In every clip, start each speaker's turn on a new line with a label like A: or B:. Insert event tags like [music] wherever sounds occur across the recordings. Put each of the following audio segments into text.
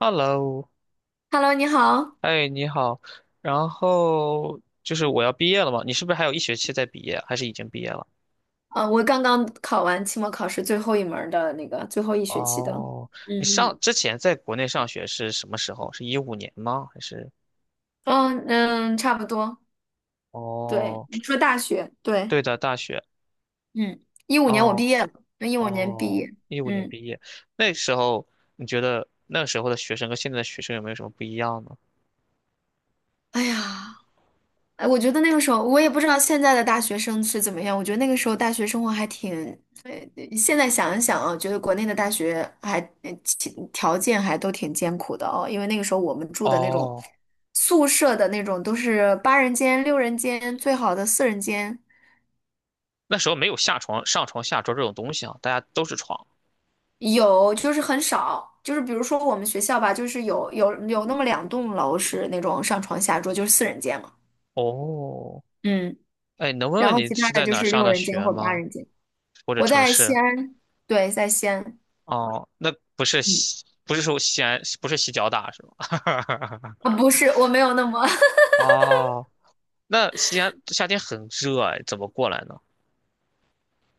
A: Hello，
B: Hello，你好。
A: 哎，你好。然后就是我要毕业了嘛，你是不是还有一学期在毕业，还是已经毕业了？
B: 啊，我刚刚考完期末考试最后一门儿的那个最后一学期的。
A: 哦，你
B: 嗯
A: 上之前在国内上学是什么时候？是一五年吗？还是？
B: 嗯嗯，嗯，差不多。对，
A: 哦，
B: 你说大学，对，
A: 对的，大学。
B: 嗯嗯一五年我
A: 哦
B: 毕业了，一五年毕
A: 哦，
B: 业。
A: 一五年
B: 嗯，
A: 毕业，那时候你觉得那时候的学生跟现在的学生有没有什么不一样呢？
B: 哎呀。哎，我觉得那个时候，我也不知道现在的大学生是怎么样。我觉得那个时候大学生活还挺，呃，现在想一想啊，觉得国内的大学还其条件还都挺艰苦的哦。因为那个时候我们住的那种
A: 哦，
B: 宿舍的那种都是八人间、六人间，最好的四人间
A: 那时候没有下床、上床下桌这种东西啊，大家都是床。
B: 有，就是很少。就是比如说我们学校吧，就是有那么两栋楼是那种上床下桌，就是四人间嘛。
A: 哦，
B: 嗯，
A: 哎，能问
B: 然
A: 问
B: 后
A: 你
B: 其他
A: 是
B: 的
A: 在
B: 就
A: 哪儿
B: 是
A: 上
B: 六
A: 的
B: 人间
A: 学
B: 或八
A: 吗？
B: 人间。
A: 或者
B: 我
A: 城
B: 在西
A: 市？
B: 安，对，在西安。
A: 哦，那
B: 嗯，
A: 不是说西安，不是西交大是吗？
B: 啊，不是，我没有那么，[laughs]
A: 哦，那西安夏天很热哎，怎么过来呢？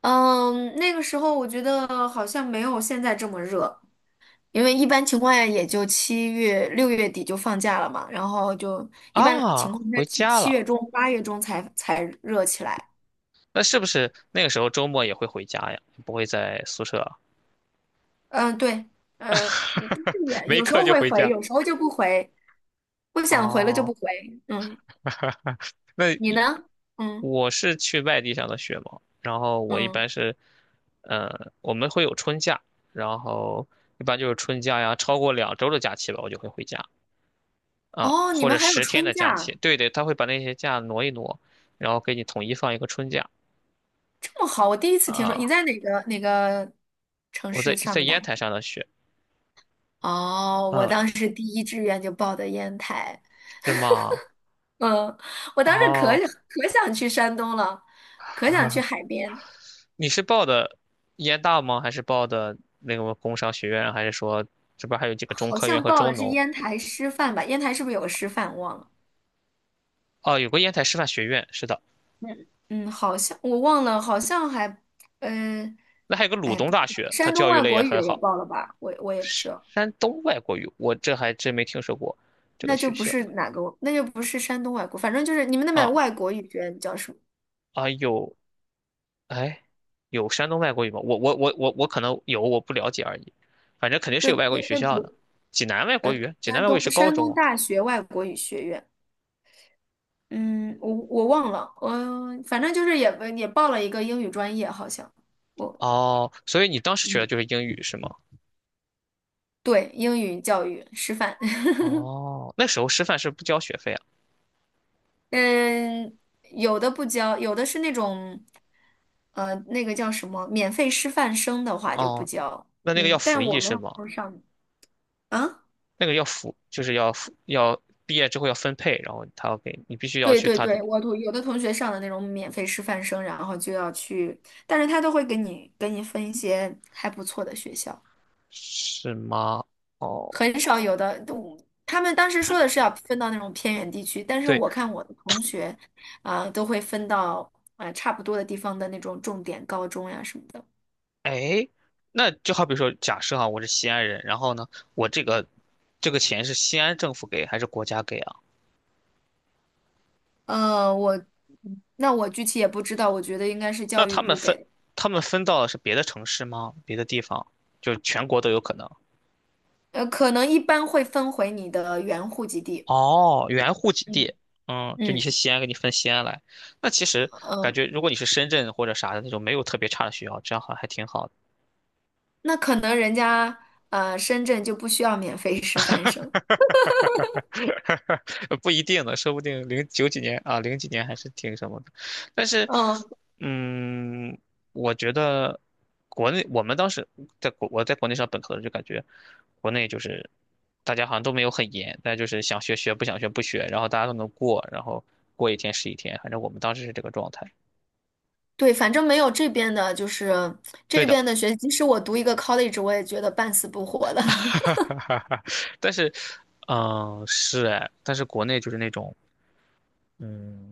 B: 嗯，那个时候我觉得好像没有现在这么热，因为一般情况下也就七月、六月底就放假了嘛，然后就一般
A: 啊，
B: 情况下
A: 回
B: 七
A: 家
B: 七月
A: 了。
B: 中、八月中才热起来。
A: 那是不是那个时候周末也会回家呀？不会在宿舍，
B: 嗯，对，嗯，
A: [laughs]
B: 是
A: 没
B: 有时
A: 课
B: 候
A: 就
B: 会
A: 回
B: 回，
A: 家。
B: 有时候就不回，不想回了就不
A: 哦，
B: 回。嗯，
A: 那
B: 你
A: 一
B: 呢？嗯
A: 我是去外地上的学嘛，然后我一
B: 嗯，
A: 般是，我们会有春假，然后一般就是春假呀，超过2周的假期吧，我就会回家。啊，
B: 哦，你
A: 或
B: 们
A: 者
B: 还有
A: 10天
B: 春
A: 的假期，
B: 假，
A: 对对，他会把那些假挪一挪，然后给你统一放一个春假
B: 这么好，我第一次听说。你
A: 啊。
B: 在哪个城
A: 我
B: 市
A: 在
B: 上
A: 在
B: 的大
A: 烟台
B: 学？
A: 上的学，
B: 哦，我
A: 嗯，
B: 当时第一志愿就报的烟台，
A: 是吗？
B: 嗯，我当时可
A: 哦，
B: 想可想去山东了，可想去海
A: [laughs]
B: 边，
A: 你是报的烟大吗？还是报的那个工商学院？还是说这边还有几个中
B: 好
A: 科院
B: 像
A: 和
B: 报的
A: 中
B: 是
A: 农？
B: 烟台师范吧？烟台是不是有个师范？忘了，
A: 哦，有个烟台师范学院，是的，
B: 嗯嗯，好像我忘了，好像还，呃，
A: 那还有个鲁
B: 哎，
A: 东
B: 不知
A: 大
B: 道
A: 学，它
B: 山东
A: 教育
B: 外
A: 类也
B: 国语
A: 很
B: 也
A: 好。
B: 报了吧？我也不知道，
A: 山东外国语，我这还真没听说过这
B: 那
A: 个
B: 就
A: 学
B: 不
A: 校
B: 是哪个，那就不是山东外国，反正就是你们那边
A: 啊
B: 外国语学院叫什么？
A: 啊，有哎，有山东外国语吗？我可能有，我不了解而已。反正肯定是
B: 对，
A: 有外国
B: 那
A: 语学
B: 那
A: 校的。
B: 不
A: 济南外国语，济南
B: 山
A: 外国语
B: 东
A: 是高
B: 山东
A: 中啊。
B: 大学外国语学院。嗯，我忘了，我反正就是也报了一个英语专业，好像我
A: 哦，所以你当时学的
B: 嗯，
A: 就是英语是吗？
B: 对，英语教育师范，[laughs]
A: 哦，那时候师范是不交学费啊。
B: 嗯，有的不教，有的是那种那个叫什么免费师范生的话就不
A: 哦，
B: 教，
A: 那个要
B: 嗯，
A: 服
B: 但我
A: 役
B: 没
A: 是吗？
B: 有上啊，
A: 那个要服，就是要服，要毕业之后要分配，然后他要给你必须要
B: 对
A: 去
B: 对
A: 他的，
B: 对，有的同学上的那种免费师范生，然后就要去，但是他都会给你分一些还不错的学校。
A: 是吗？哦，
B: 很少有的，都他们当时说的是要分到那种偏远地区，但是
A: 对。
B: 我看我的同学，啊、都会分到差不多的地方的那种重点高中呀什么的。
A: 哎，那就好比说，假设哈，我是西安人，然后呢，我这个钱是西安政府给还是国家给啊？
B: 呃，我我具体也不知道，我觉得应该是
A: 那
B: 教育
A: 他们
B: 部给
A: 分
B: 的，
A: 他们分到的是别的城市吗？别的地方，就是全国都有可能。
B: 可能一般会分回你的原户籍地。
A: 哦，原户籍
B: 嗯
A: 地，嗯，就你
B: 嗯
A: 是西安，给你分西安来。那其实感
B: 嗯，
A: 觉，如果你是深圳或者啥的那种没有特别差的学校，这样好像还挺好的。
B: 那可能人家深圳就不需要免费 [laughs] 师范生。
A: [laughs] 哈哈哈哈不一定呢，说不定零九几年啊，零几年还是挺什么的。但是，
B: 嗯。
A: 嗯，我觉得国内我们当时我在国内上本科的时候就感觉，国内就是大家好像都没有很严，但就是想学学，不想学不学，然后大家都能过，然后过一天是一天，反正我们当时是这个状态。
B: 对，反正没有这边的，就是
A: 对
B: 这
A: 的，
B: 边的学，即使我读一个 college，我也觉得半死不活的。
A: [laughs] 但是，嗯，是哎，但是国内就是那种，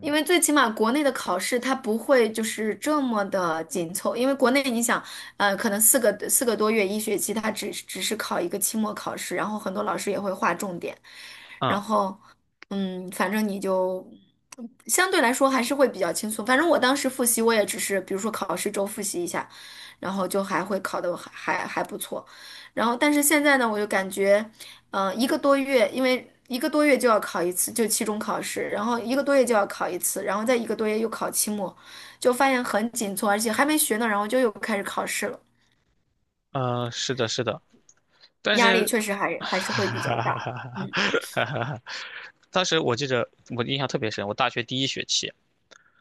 B: 因为最起码国内的考试它不会就是这么的紧凑，因为国内你想，可能四个多月一学期，它只是考一个期末考试，然后很多老师也会划重点，然
A: 嗯，
B: 后，嗯，反正你就相对来说还是会比较轻松。反正我当时复习，我也只是比如说考试周复习一下，然后就还会考得还不错。然后，但是现在呢，我就感觉。一个多月，因为一个多月就要考一次，就期中考试，然后一个多月就要考一次，然后再一个多月又考期末，就发现很紧凑，而且还没学呢，然后就又开始考试了，
A: 嗯，是的，是的。但
B: 压力
A: 是，
B: 确实还
A: [laughs]
B: 还是会比较
A: 哈哈
B: 大。
A: 哈
B: 嗯
A: 哈哈！当时我记着，我印象特别深，我大学第一学期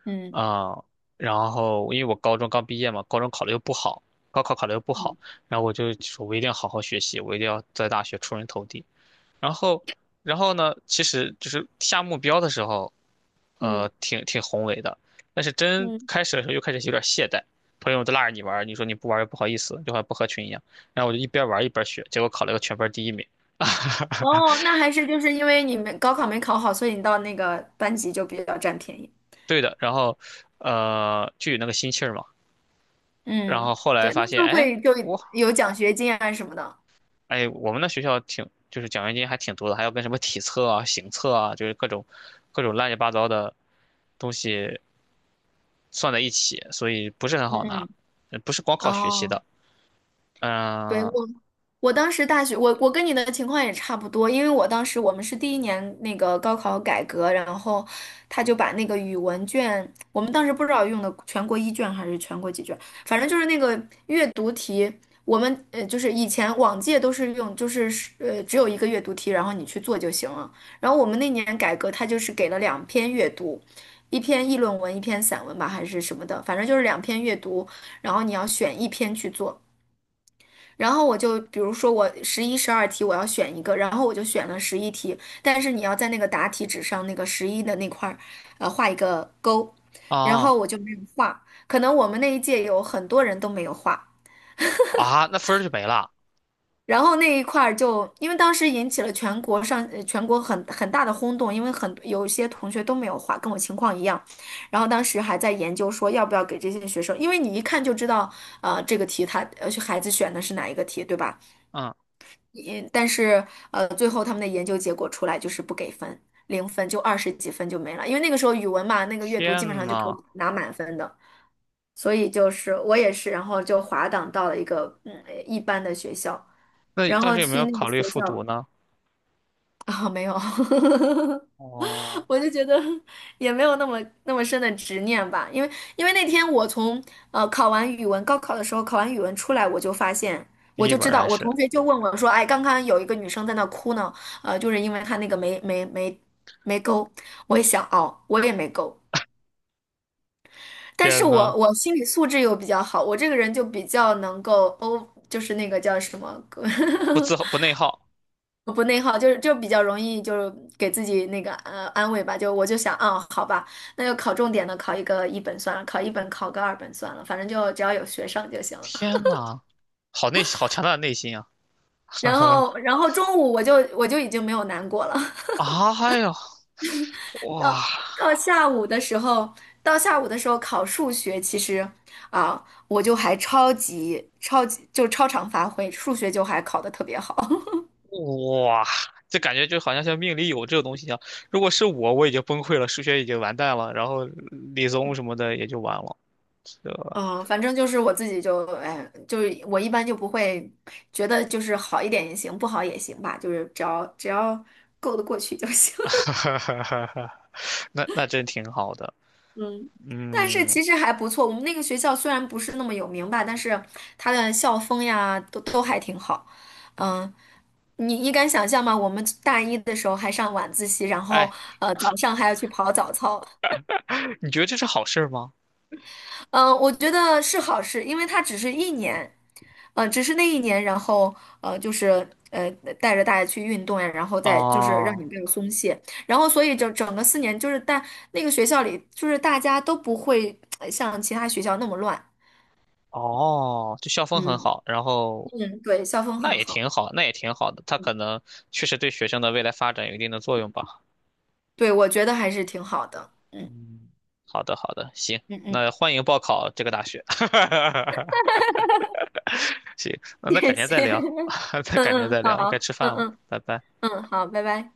B: 嗯
A: 啊、然后因为我高中刚毕业嘛，高考考的又不好，
B: 嗯
A: 然后我就说，我一定要好好学习，我一定要在大学出人头地。然后，然后呢，其实就是下目标的时候，
B: 嗯
A: 挺宏伟的，但是真
B: 嗯，
A: 开始的时候又开始有点懈怠。朋友都拉着你玩儿你说你不玩儿又不好意思，就好像不合群一样。然后我就一边玩儿一边学，结果考了个全班第一名。[laughs]
B: 哦，那还是就是因为你们高考没考好，所以你到那个班级就比较占便宜。
A: 对的，然后，就有那个心气儿嘛。然
B: 嗯，
A: 后后来
B: 对，
A: 发
B: 那
A: 现，
B: 就
A: 哎，
B: 会就
A: 我，
B: 有奖学金啊什么的。
A: 我们那学校挺，就是奖学金还挺多的，还要跟什么体测啊、行测啊，就是各种乱七八糟的东西算在一起，所以不是很
B: 嗯
A: 好拿，
B: 嗯，
A: 不是光靠学习
B: 哦。
A: 的。
B: 对，
A: 嗯，
B: 我当时大学，我跟你的情况也差不多，因为我当时我们是第一年那个高考改革，然后他就把那个语文卷，我们当时不知道用的全国一卷还是全国几卷，反正就是那个阅读题，我们就是以前往届都是用就是只有一个阅读题，然后你去做就行了，然后我们那年改革，他就是给了两篇阅读。一篇议论文，一篇散文吧，还是什么的，反正就是两篇阅读，然后你要选一篇去做。然后我就比如说我十一、十二题我要选一个，然后我就选了十一题，但是你要在那个答题纸上那个十一的那块儿，画一个勾，然
A: 啊
B: 后我就没有画，可能我们那一届有很多人都没有画。
A: 啊，那分儿就没了。
B: 然后那一块儿就，因为当时引起了全国上，全国很大的轰动，因为很有一些同学都没有画，跟我情况一样。然后当时还在研究说要不要给这些学生，因为你一看就知道，这个题他孩子选的是哪一个题，对吧？
A: 嗯，
B: 也但是最后他们的研究结果出来就是不给分，零分就二十几分就没了，因为那个时候语文嘛，那个阅读基本
A: 天
B: 上就可
A: 呐，
B: 以拿满分的，所以就是我也是，然后就滑档到了一个一般的学校，
A: 那
B: 然
A: 当
B: 后
A: 时有没
B: 去
A: 有
B: 那个
A: 考虑
B: 学
A: 复
B: 校。
A: 读呢？
B: [laughs] 啊，没有，
A: 哦，
B: [laughs] 我就觉得也没有那么那么深的执念吧，因为那天我从考完语文，高考的时候考完语文出来，我就发现，
A: 第
B: 我
A: 一
B: 就
A: 门
B: 知
A: 儿
B: 道，
A: 还
B: 我
A: 是，
B: 同学就问我说，哎，刚刚有一个女生在那哭呢，就是因为她那个没勾，我也想哦，我也没勾，但是
A: 天呐，
B: 我心理素质又比较好，我这个人就比较能够欧，就是那个叫什么，[laughs]
A: 不内耗。
B: 不内耗，就是就比较容易就是给自己那个安慰吧，就我就想，啊，好吧，那就考重点的，考一个一本算了，考一本考个二本算了，反正就只要有学上就行了。
A: 天呐，好强大的内心啊！
B: 然
A: [laughs]
B: 后然后中午我就已经没有难过了，
A: 啊，哎呦，
B: [laughs]
A: 哇
B: 到到下午的时候，到下午的时候考数学，其实啊，我就还超级超级就超常发挥，数学就还考得特别好。
A: 哇，这感觉就好像像命里有这个东西一样。如果是我，我已经崩溃了，数学已经完蛋了，然后理综什么的也就完了。这。
B: 嗯，反正就是我自己就，哎，就是我一般就不会觉得就是好一点也行，不好也行吧，就是只要够得过去就行。
A: [laughs] 哈
B: [laughs]
A: 哈哈哈哈那真挺好的。
B: 嗯，但是
A: 嗯，
B: 其实还不错，我们那个学校虽然不是那么有名吧，但是它的校风呀都还挺好。嗯，你敢想象吗？我们大一的时候还上晚自习，然后
A: 哎，
B: 早上还要去跑早操。
A: 你觉得这是好事儿吗？
B: 嗯，我觉得是好事，因为它只是一年，嗯，只是那一年，然后就是带着大家去运动呀，然后再就是让
A: 哦
B: 你不要松懈，然后所以整整个四年，就是那个学校里，就是大家都不会像其他学校那么乱，
A: 哦，就校风很
B: 嗯，
A: 好，然后
B: 嗯，对，校风
A: 那
B: 很
A: 也
B: 好，
A: 挺好，那也挺好的。它可能确实对学生的未来发展有一定的作用吧。
B: 对，我觉得还是挺好的，嗯
A: 嗯，好的好的，行，
B: 嗯嗯。
A: 那欢迎报考这个大学。[laughs] 行，
B: [laughs]
A: 那改
B: 谢
A: 天
B: 谢，
A: 再聊，
B: [laughs]
A: [laughs] 再
B: 嗯
A: 改天
B: 嗯，
A: 再聊，该
B: 好，
A: 吃饭
B: 嗯
A: 了，
B: 嗯
A: 拜拜。
B: 嗯，好，拜拜。